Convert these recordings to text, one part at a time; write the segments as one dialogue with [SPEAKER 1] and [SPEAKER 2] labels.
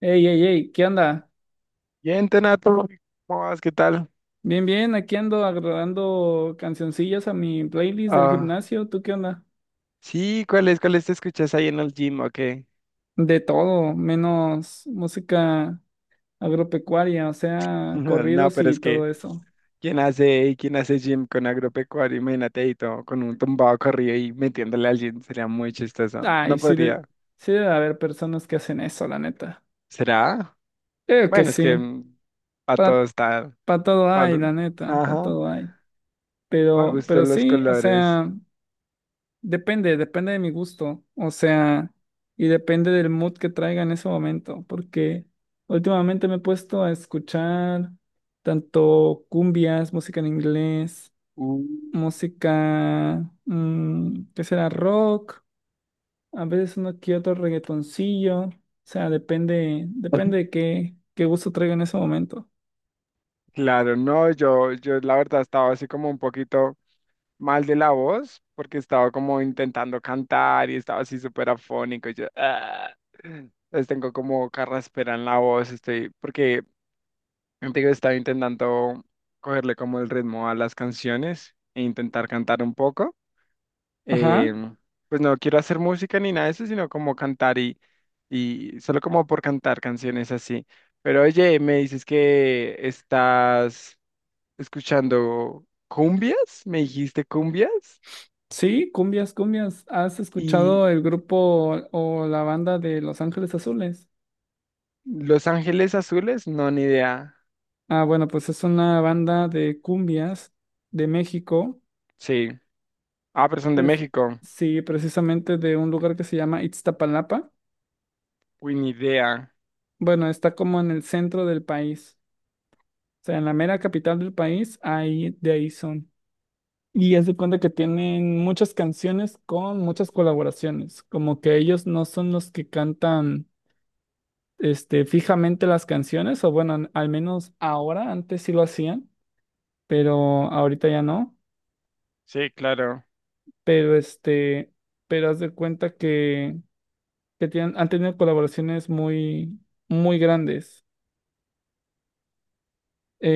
[SPEAKER 1] Ey, ¿qué onda?
[SPEAKER 2] Bien, Tenato, ¿cómo vas? ¿Qué tal?
[SPEAKER 1] Bien, bien, aquí ando agregando cancioncillas a mi playlist del
[SPEAKER 2] Ah,
[SPEAKER 1] gimnasio. ¿Tú qué onda?
[SPEAKER 2] sí, ¿cuáles, te escuchas ahí en el gym o qué?
[SPEAKER 1] De todo, menos música agropecuaria, o sea,
[SPEAKER 2] No,
[SPEAKER 1] corridos
[SPEAKER 2] pero
[SPEAKER 1] y
[SPEAKER 2] es que,
[SPEAKER 1] todo eso.
[SPEAKER 2] quién hace gym con agropecuario? Imagínate ahí todo, con un tumbado corrido y metiéndole al gym, sería muy chistoso. No
[SPEAKER 1] Ay, sí,
[SPEAKER 2] podría.
[SPEAKER 1] sí debe haber personas que hacen eso, la neta.
[SPEAKER 2] ¿Será?
[SPEAKER 1] Creo que
[SPEAKER 2] Bueno, es que
[SPEAKER 1] sí.
[SPEAKER 2] para todo está,
[SPEAKER 1] Para todo hay, la
[SPEAKER 2] para,
[SPEAKER 1] neta, para
[SPEAKER 2] ajá,
[SPEAKER 1] todo hay.
[SPEAKER 2] para
[SPEAKER 1] Pero,
[SPEAKER 2] gustos
[SPEAKER 1] pero
[SPEAKER 2] los
[SPEAKER 1] sí, o
[SPEAKER 2] colores.
[SPEAKER 1] sea. Depende, depende de mi gusto, o sea, y depende del mood que traiga en ese momento, porque últimamente me he puesto a escuchar tanto cumbias, música en inglés,
[SPEAKER 2] Uh,
[SPEAKER 1] música, ¿qué será? Rock, a veces uno que otro reggaetoncillo, o sea, depende, depende de qué, qué gusto traiga en ese momento.
[SPEAKER 2] claro, no, yo la verdad estaba así como un poquito mal de la voz porque estaba como intentando cantar y estaba así súper afónico. Y yo, "Ah". Entonces tengo como carraspera en la voz, estoy, porque te digo, estaba intentando cogerle como el ritmo a las canciones e intentar cantar un poco.
[SPEAKER 1] Ajá,
[SPEAKER 2] Em, pues no quiero hacer música ni nada de eso, sino como cantar y solo como por cantar canciones así. Pero oye, me dices que estás escuchando cumbias, me dijiste cumbias.
[SPEAKER 1] sí, cumbias, cumbias. ¿Has escuchado
[SPEAKER 2] ¿Y
[SPEAKER 1] el grupo o la banda de Los Ángeles Azules?
[SPEAKER 2] Los Ángeles Azules? No, ni idea.
[SPEAKER 1] Ah, bueno, pues es una banda de cumbias de México,
[SPEAKER 2] Sí. Ah, pero son de
[SPEAKER 1] pres-
[SPEAKER 2] México.
[SPEAKER 1] sí, precisamente de un lugar que se llama Iztapalapa.
[SPEAKER 2] Uy, ni idea.
[SPEAKER 1] Bueno, está como en el centro del país, o sea, en la mera capital del país, ahí de ahí son. Y es de cuenta que tienen muchas canciones con muchas colaboraciones, como que ellos no son los que cantan este, fijamente las canciones, o bueno, al menos ahora, antes sí lo hacían, pero ahorita ya no.
[SPEAKER 2] Sí, claro.
[SPEAKER 1] Este, pero haz de cuenta que tienen, han tenido colaboraciones muy, muy grandes.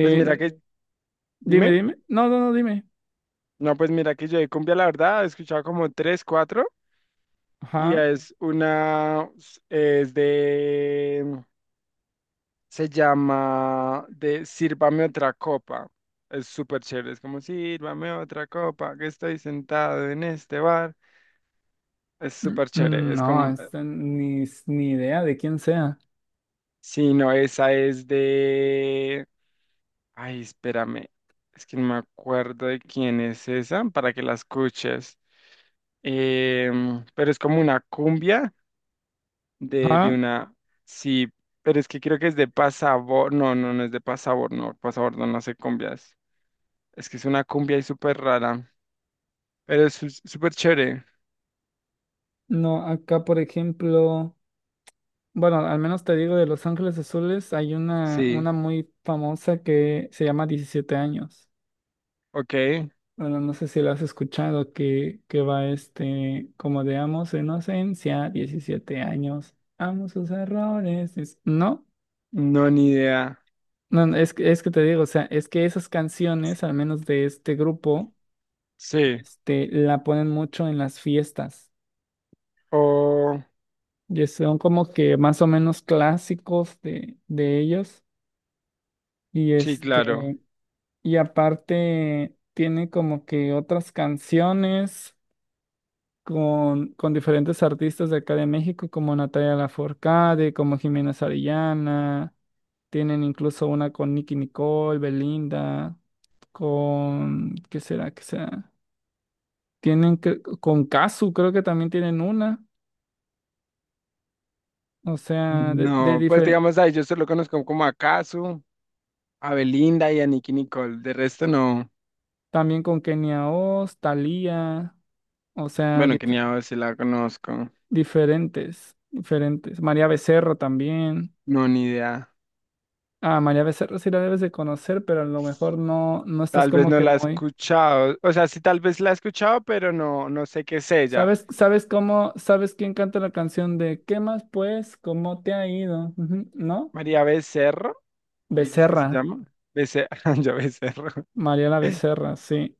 [SPEAKER 2] Pues mira que,
[SPEAKER 1] Dime,
[SPEAKER 2] dime.
[SPEAKER 1] dime. No, dime.
[SPEAKER 2] No, pues mira que yo de cumbia, la verdad, he escuchado como tres, cuatro. Y
[SPEAKER 1] Ajá.
[SPEAKER 2] es una, es de, se llama de Sírvame otra copa. Es súper chévere. Es como, sírvame otra copa, que estoy sentado en este bar. Es súper chévere. Es
[SPEAKER 1] No,
[SPEAKER 2] como,
[SPEAKER 1] esta ni idea de quién sea.
[SPEAKER 2] sí, no, esa es de... Ay, espérame. Es que no me acuerdo de quién es esa para que la escuches. Pero es como una cumbia de
[SPEAKER 1] Ajá.
[SPEAKER 2] una. Sí, pero es que creo que es de Pasabor. No, no, no es de Pasabor, no. Pasabor no, no hace cumbias. Es que es una cumbia y súper rara. Pero es súper chévere.
[SPEAKER 1] No, acá por ejemplo, bueno, al menos te digo de Los Ángeles Azules, hay
[SPEAKER 2] Sí,
[SPEAKER 1] una muy famosa que se llama 17 años.
[SPEAKER 2] ok.
[SPEAKER 1] Bueno, no sé si lo has escuchado, que, va este, como de amo su inocencia, 17 años, amo sus errores. No,
[SPEAKER 2] No, ni idea.
[SPEAKER 1] no, es que te digo, o sea, es que esas canciones, al menos de este grupo,
[SPEAKER 2] Sí.
[SPEAKER 1] este, la ponen mucho en las fiestas.
[SPEAKER 2] O.
[SPEAKER 1] Y son como que más o menos clásicos de ellos. Y
[SPEAKER 2] Sí, claro.
[SPEAKER 1] este, y aparte tiene como que otras canciones. Con diferentes artistas de acá de México, como Natalia Lafourcade, como Jimena Sarillana. Tienen incluso una con Nicki Nicole, Belinda, con... ¿Qué será? ¿Qué será? Con Cazzu, creo que también tienen una. O sea, de
[SPEAKER 2] No, pues digamos ahí, yo solo conozco como a Kazu, a Belinda y a Nicki Nicole. De resto no.
[SPEAKER 1] también con Kenia Oz, Thalía, o sea,
[SPEAKER 2] Bueno, que ni a si la conozco.
[SPEAKER 1] diferentes, diferentes. María Becerra también.
[SPEAKER 2] No, ni idea.
[SPEAKER 1] Ah, María Becerra sí la debes de conocer, pero a lo mejor no, no estás
[SPEAKER 2] Tal vez
[SPEAKER 1] como
[SPEAKER 2] no
[SPEAKER 1] que
[SPEAKER 2] la he
[SPEAKER 1] muy...
[SPEAKER 2] escuchado. O sea, sí, tal vez la he escuchado, pero no, no sé qué es ella.
[SPEAKER 1] ¿ sabes quién canta la canción de ¿Qué más pues? ¿Cómo te ha ido? Ujú, ¿no?
[SPEAKER 2] María Becerro, dices que
[SPEAKER 1] Becerra,
[SPEAKER 2] se llama. Becerro, yo Becerro.
[SPEAKER 1] Mariela Becerra, sí.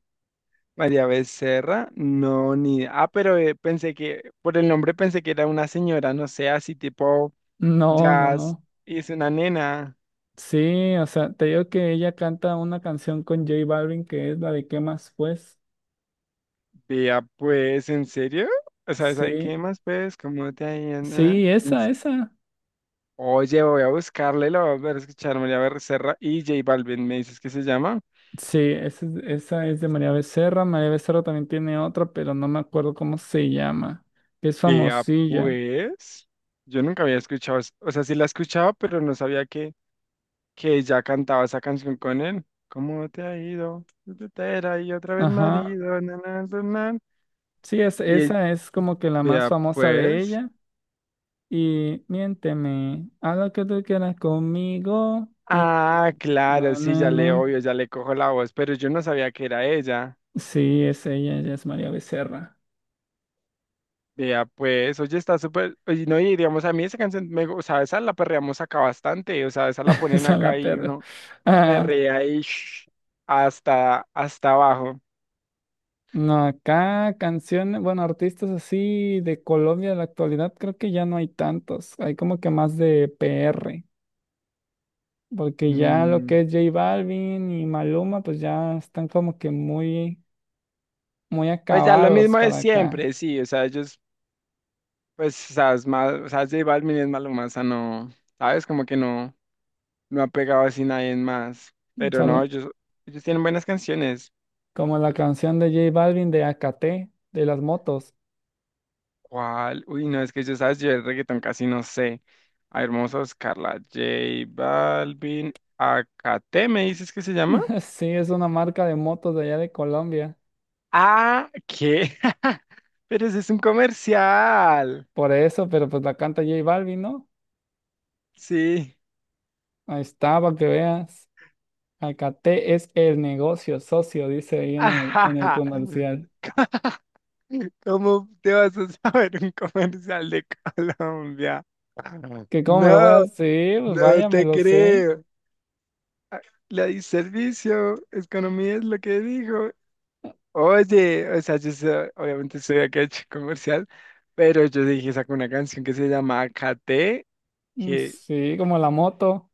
[SPEAKER 2] María Becerra, no, ni idea. Ah, pero pensé que, por el nombre pensé que era una señora, no sé, así tipo
[SPEAKER 1] No, no,
[SPEAKER 2] jazz.
[SPEAKER 1] no.
[SPEAKER 2] Y es una nena.
[SPEAKER 1] Sí, o sea, te digo que ella canta una canción con J Balvin que es la de ¿Qué más pues?
[SPEAKER 2] Vea, pues, ¿en serio? O sea, ¿sabes qué
[SPEAKER 1] Sí,
[SPEAKER 2] más, pues? ¿Cómo te ha ido, nena?
[SPEAKER 1] sí, esa, esa.
[SPEAKER 2] Oye, voy a buscarle, lo voy a volver a escuchar, María Becerra y J Balvin, me dices que se llama.
[SPEAKER 1] Sí, esa es de María Becerra. María Becerra también tiene otra, pero no me acuerdo cómo se llama, que es
[SPEAKER 2] Vea,
[SPEAKER 1] famosilla.
[SPEAKER 2] pues, yo nunca había escuchado, o sea, sí la escuchaba, pero no sabía que ella cantaba esa canción con él. ¿Cómo te ha ido? Soltera y otra vez
[SPEAKER 1] Ajá.
[SPEAKER 2] marido, na, na, na, na.
[SPEAKER 1] Sí,
[SPEAKER 2] Y él-
[SPEAKER 1] esa es como que la más
[SPEAKER 2] Vea,
[SPEAKER 1] famosa de
[SPEAKER 2] pues,
[SPEAKER 1] ella. Y miénteme, haz lo que tú quieras conmigo. Ti, ti,
[SPEAKER 2] ah,
[SPEAKER 1] mi-
[SPEAKER 2] claro,
[SPEAKER 1] na,
[SPEAKER 2] sí,
[SPEAKER 1] na,
[SPEAKER 2] ya le
[SPEAKER 1] na.
[SPEAKER 2] obvio, ya le cojo la voz, pero yo no sabía que era ella.
[SPEAKER 1] Sí, es ella, ella es María Becerra.
[SPEAKER 2] Vea, pues, oye, está súper, oye, no, y digamos, a mí esa canción, me, o sea, esa la perreamos acá bastante, o sea, esa la ponen
[SPEAKER 1] Esa es
[SPEAKER 2] acá
[SPEAKER 1] la
[SPEAKER 2] y
[SPEAKER 1] perra.
[SPEAKER 2] uno
[SPEAKER 1] Ah,
[SPEAKER 2] perrea y shh, hasta, hasta abajo.
[SPEAKER 1] no, acá canciones, bueno, artistas así de Colombia de la actualidad, creo que ya no hay tantos. Hay como que más de PR. Porque ya lo
[SPEAKER 2] Mm,
[SPEAKER 1] que es J Balvin y Maluma, pues ya están como que muy, muy
[SPEAKER 2] pues ya lo
[SPEAKER 1] acabados
[SPEAKER 2] mismo de
[SPEAKER 1] para acá.
[SPEAKER 2] siempre, sí, o sea, ellos, pues, o sea, es más, o sea, J Balvin es Maluma, o sea, no, ¿sabes? Como que no, no ha pegado así nadie más, pero no, ellos tienen buenas canciones.
[SPEAKER 1] Como la canción de J Balvin de AKT, de las motos.
[SPEAKER 2] ¿Cuál? Uy, no, es que yo sabes, yo el reggaetón casi no sé. A ver, vamos a buscarla. J Balvin, Acate, ¿me dices que se llama?
[SPEAKER 1] Sí, es una marca de motos de allá de Colombia.
[SPEAKER 2] Ah, ¿qué? Pero ese es un comercial.
[SPEAKER 1] Por eso, pero pues la canta J Balvin, ¿no?
[SPEAKER 2] Sí.
[SPEAKER 1] Ahí está, para que veas. AKT es el negocio socio, dice ahí en el
[SPEAKER 2] Ajaja.
[SPEAKER 1] comercial.
[SPEAKER 2] ¿Cómo te vas a saber un comercial de Colombia?
[SPEAKER 1] Que cómo me lo voy a
[SPEAKER 2] No,
[SPEAKER 1] decir, pues
[SPEAKER 2] no
[SPEAKER 1] vaya, me
[SPEAKER 2] te
[SPEAKER 1] lo sé.
[SPEAKER 2] creo. La di servicio, economía es lo que dijo. Oye, o sea, obviamente soy de acá chico comercial, pero yo dije, saco una canción que se llama KT,
[SPEAKER 1] Mm,
[SPEAKER 2] que
[SPEAKER 1] sí, como la moto.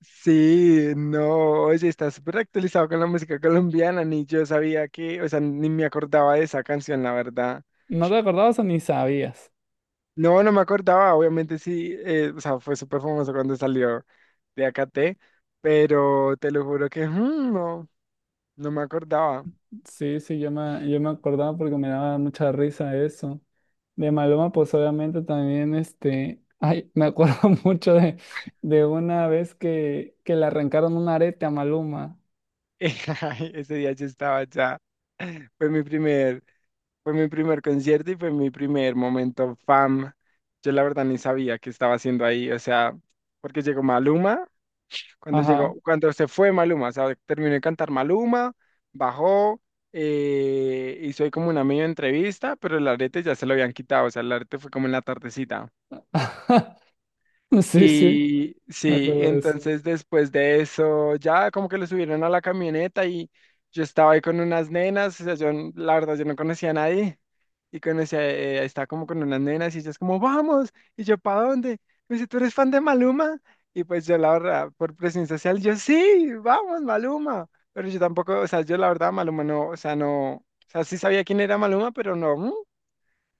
[SPEAKER 2] sí, no, oye, está súper actualizado con la música colombiana, ni yo sabía que, o sea, ni me acordaba de esa canción, la verdad.
[SPEAKER 1] ¿No te acordabas o ni sabías?
[SPEAKER 2] No, no me acordaba, obviamente sí, o sea, fue súper famoso cuando salió de AKT, pero te lo juro que no, no me acordaba.
[SPEAKER 1] Sí, sí, yo me acordaba porque me daba mucha risa eso. De Maloma, pues obviamente también, este, ay, me acuerdo mucho de una vez que le arrancaron un arete a Maluma.
[SPEAKER 2] Ese día yo estaba ya, fue mi primer Fue mi primer concierto y fue mi primer momento fam. Yo la verdad ni sabía qué estaba haciendo ahí, o sea, porque llegó Maluma, cuando
[SPEAKER 1] Ajá.
[SPEAKER 2] llegó, cuando se fue Maluma, o sea, terminó de cantar Maluma, bajó, hizo ahí como una medio entrevista, pero el arete ya se lo habían quitado, o sea, el arete fue como en la tardecita.
[SPEAKER 1] Sí, sí,
[SPEAKER 2] Y
[SPEAKER 1] me
[SPEAKER 2] sí,
[SPEAKER 1] acuerdo de eso.
[SPEAKER 2] entonces después de eso ya como que lo subieron a la camioneta y yo estaba ahí con unas nenas, o sea, la verdad yo no conocía a nadie y conocía, estaba como con unas nenas y ellas como, vamos, y yo, ¿para dónde? Me dice, ¿tú eres fan de Maluma? Y pues yo la verdad, por presión social, yo sí, vamos, Maluma, pero yo tampoco, o sea, yo la verdad Maluma no, o sea, no, o sea, sí sabía quién era Maluma, pero no.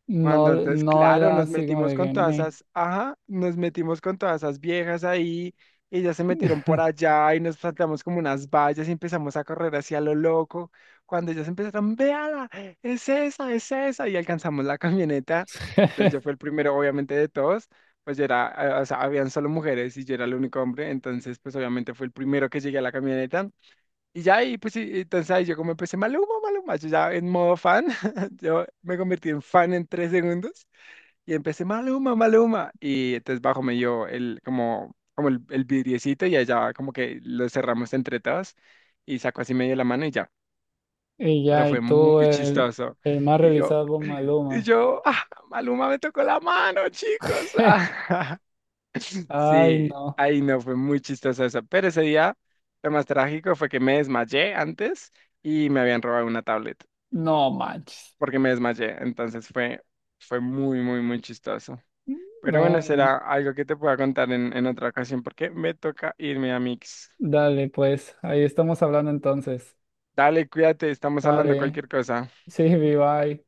[SPEAKER 1] No,
[SPEAKER 2] Cuando entonces,
[SPEAKER 1] no
[SPEAKER 2] claro,
[SPEAKER 1] era
[SPEAKER 2] nos
[SPEAKER 1] así como
[SPEAKER 2] metimos
[SPEAKER 1] de
[SPEAKER 2] con
[SPEAKER 1] que,
[SPEAKER 2] todas
[SPEAKER 1] "Meh".
[SPEAKER 2] esas, ajá, nos metimos con todas esas viejas ahí, y ya se metieron por allá y nos saltamos como unas vallas y empezamos a correr hacia lo loco. Cuando ellas empezaron, véala, es esa, y alcanzamos la camioneta. Entonces yo fui el primero, obviamente, de todos, pues yo era, o sea, habían solo mujeres y yo era el único hombre, entonces pues obviamente fui el primero que llegué a la camioneta. Y ya y pues, y entonces ahí yo como empecé, Maluma, Maluma, yo ya en modo fan, yo me convertí en fan en 3 segundos y empecé, Maluma, Maluma. Y entonces bajo me dio el, como, el vidriecito y allá como que lo cerramos entre todos y sacó así medio la mano y ya.
[SPEAKER 1] Y
[SPEAKER 2] Pero
[SPEAKER 1] ya, y
[SPEAKER 2] fue muy
[SPEAKER 1] tú,
[SPEAKER 2] chistoso.
[SPEAKER 1] el más
[SPEAKER 2] Y yo,
[SPEAKER 1] revisado por
[SPEAKER 2] y
[SPEAKER 1] Maluma.
[SPEAKER 2] yo, ah, Maluma me tocó la mano, chicos.
[SPEAKER 1] Ay,
[SPEAKER 2] Sí,
[SPEAKER 1] no,
[SPEAKER 2] ahí no, fue muy chistoso eso. Pero ese día, lo más trágico fue que me desmayé antes y me habían robado una tablet
[SPEAKER 1] no manches.
[SPEAKER 2] porque me desmayé. Entonces fue, fue muy, muy, muy chistoso. Pero
[SPEAKER 1] No,
[SPEAKER 2] bueno,
[SPEAKER 1] no.
[SPEAKER 2] será algo que te pueda contar en otra ocasión porque me toca irme a Mix.
[SPEAKER 1] Dale, pues, ahí estamos hablando entonces.
[SPEAKER 2] Dale, cuídate, estamos hablando
[SPEAKER 1] Dale.
[SPEAKER 2] cualquier cosa.
[SPEAKER 1] Sí, bye.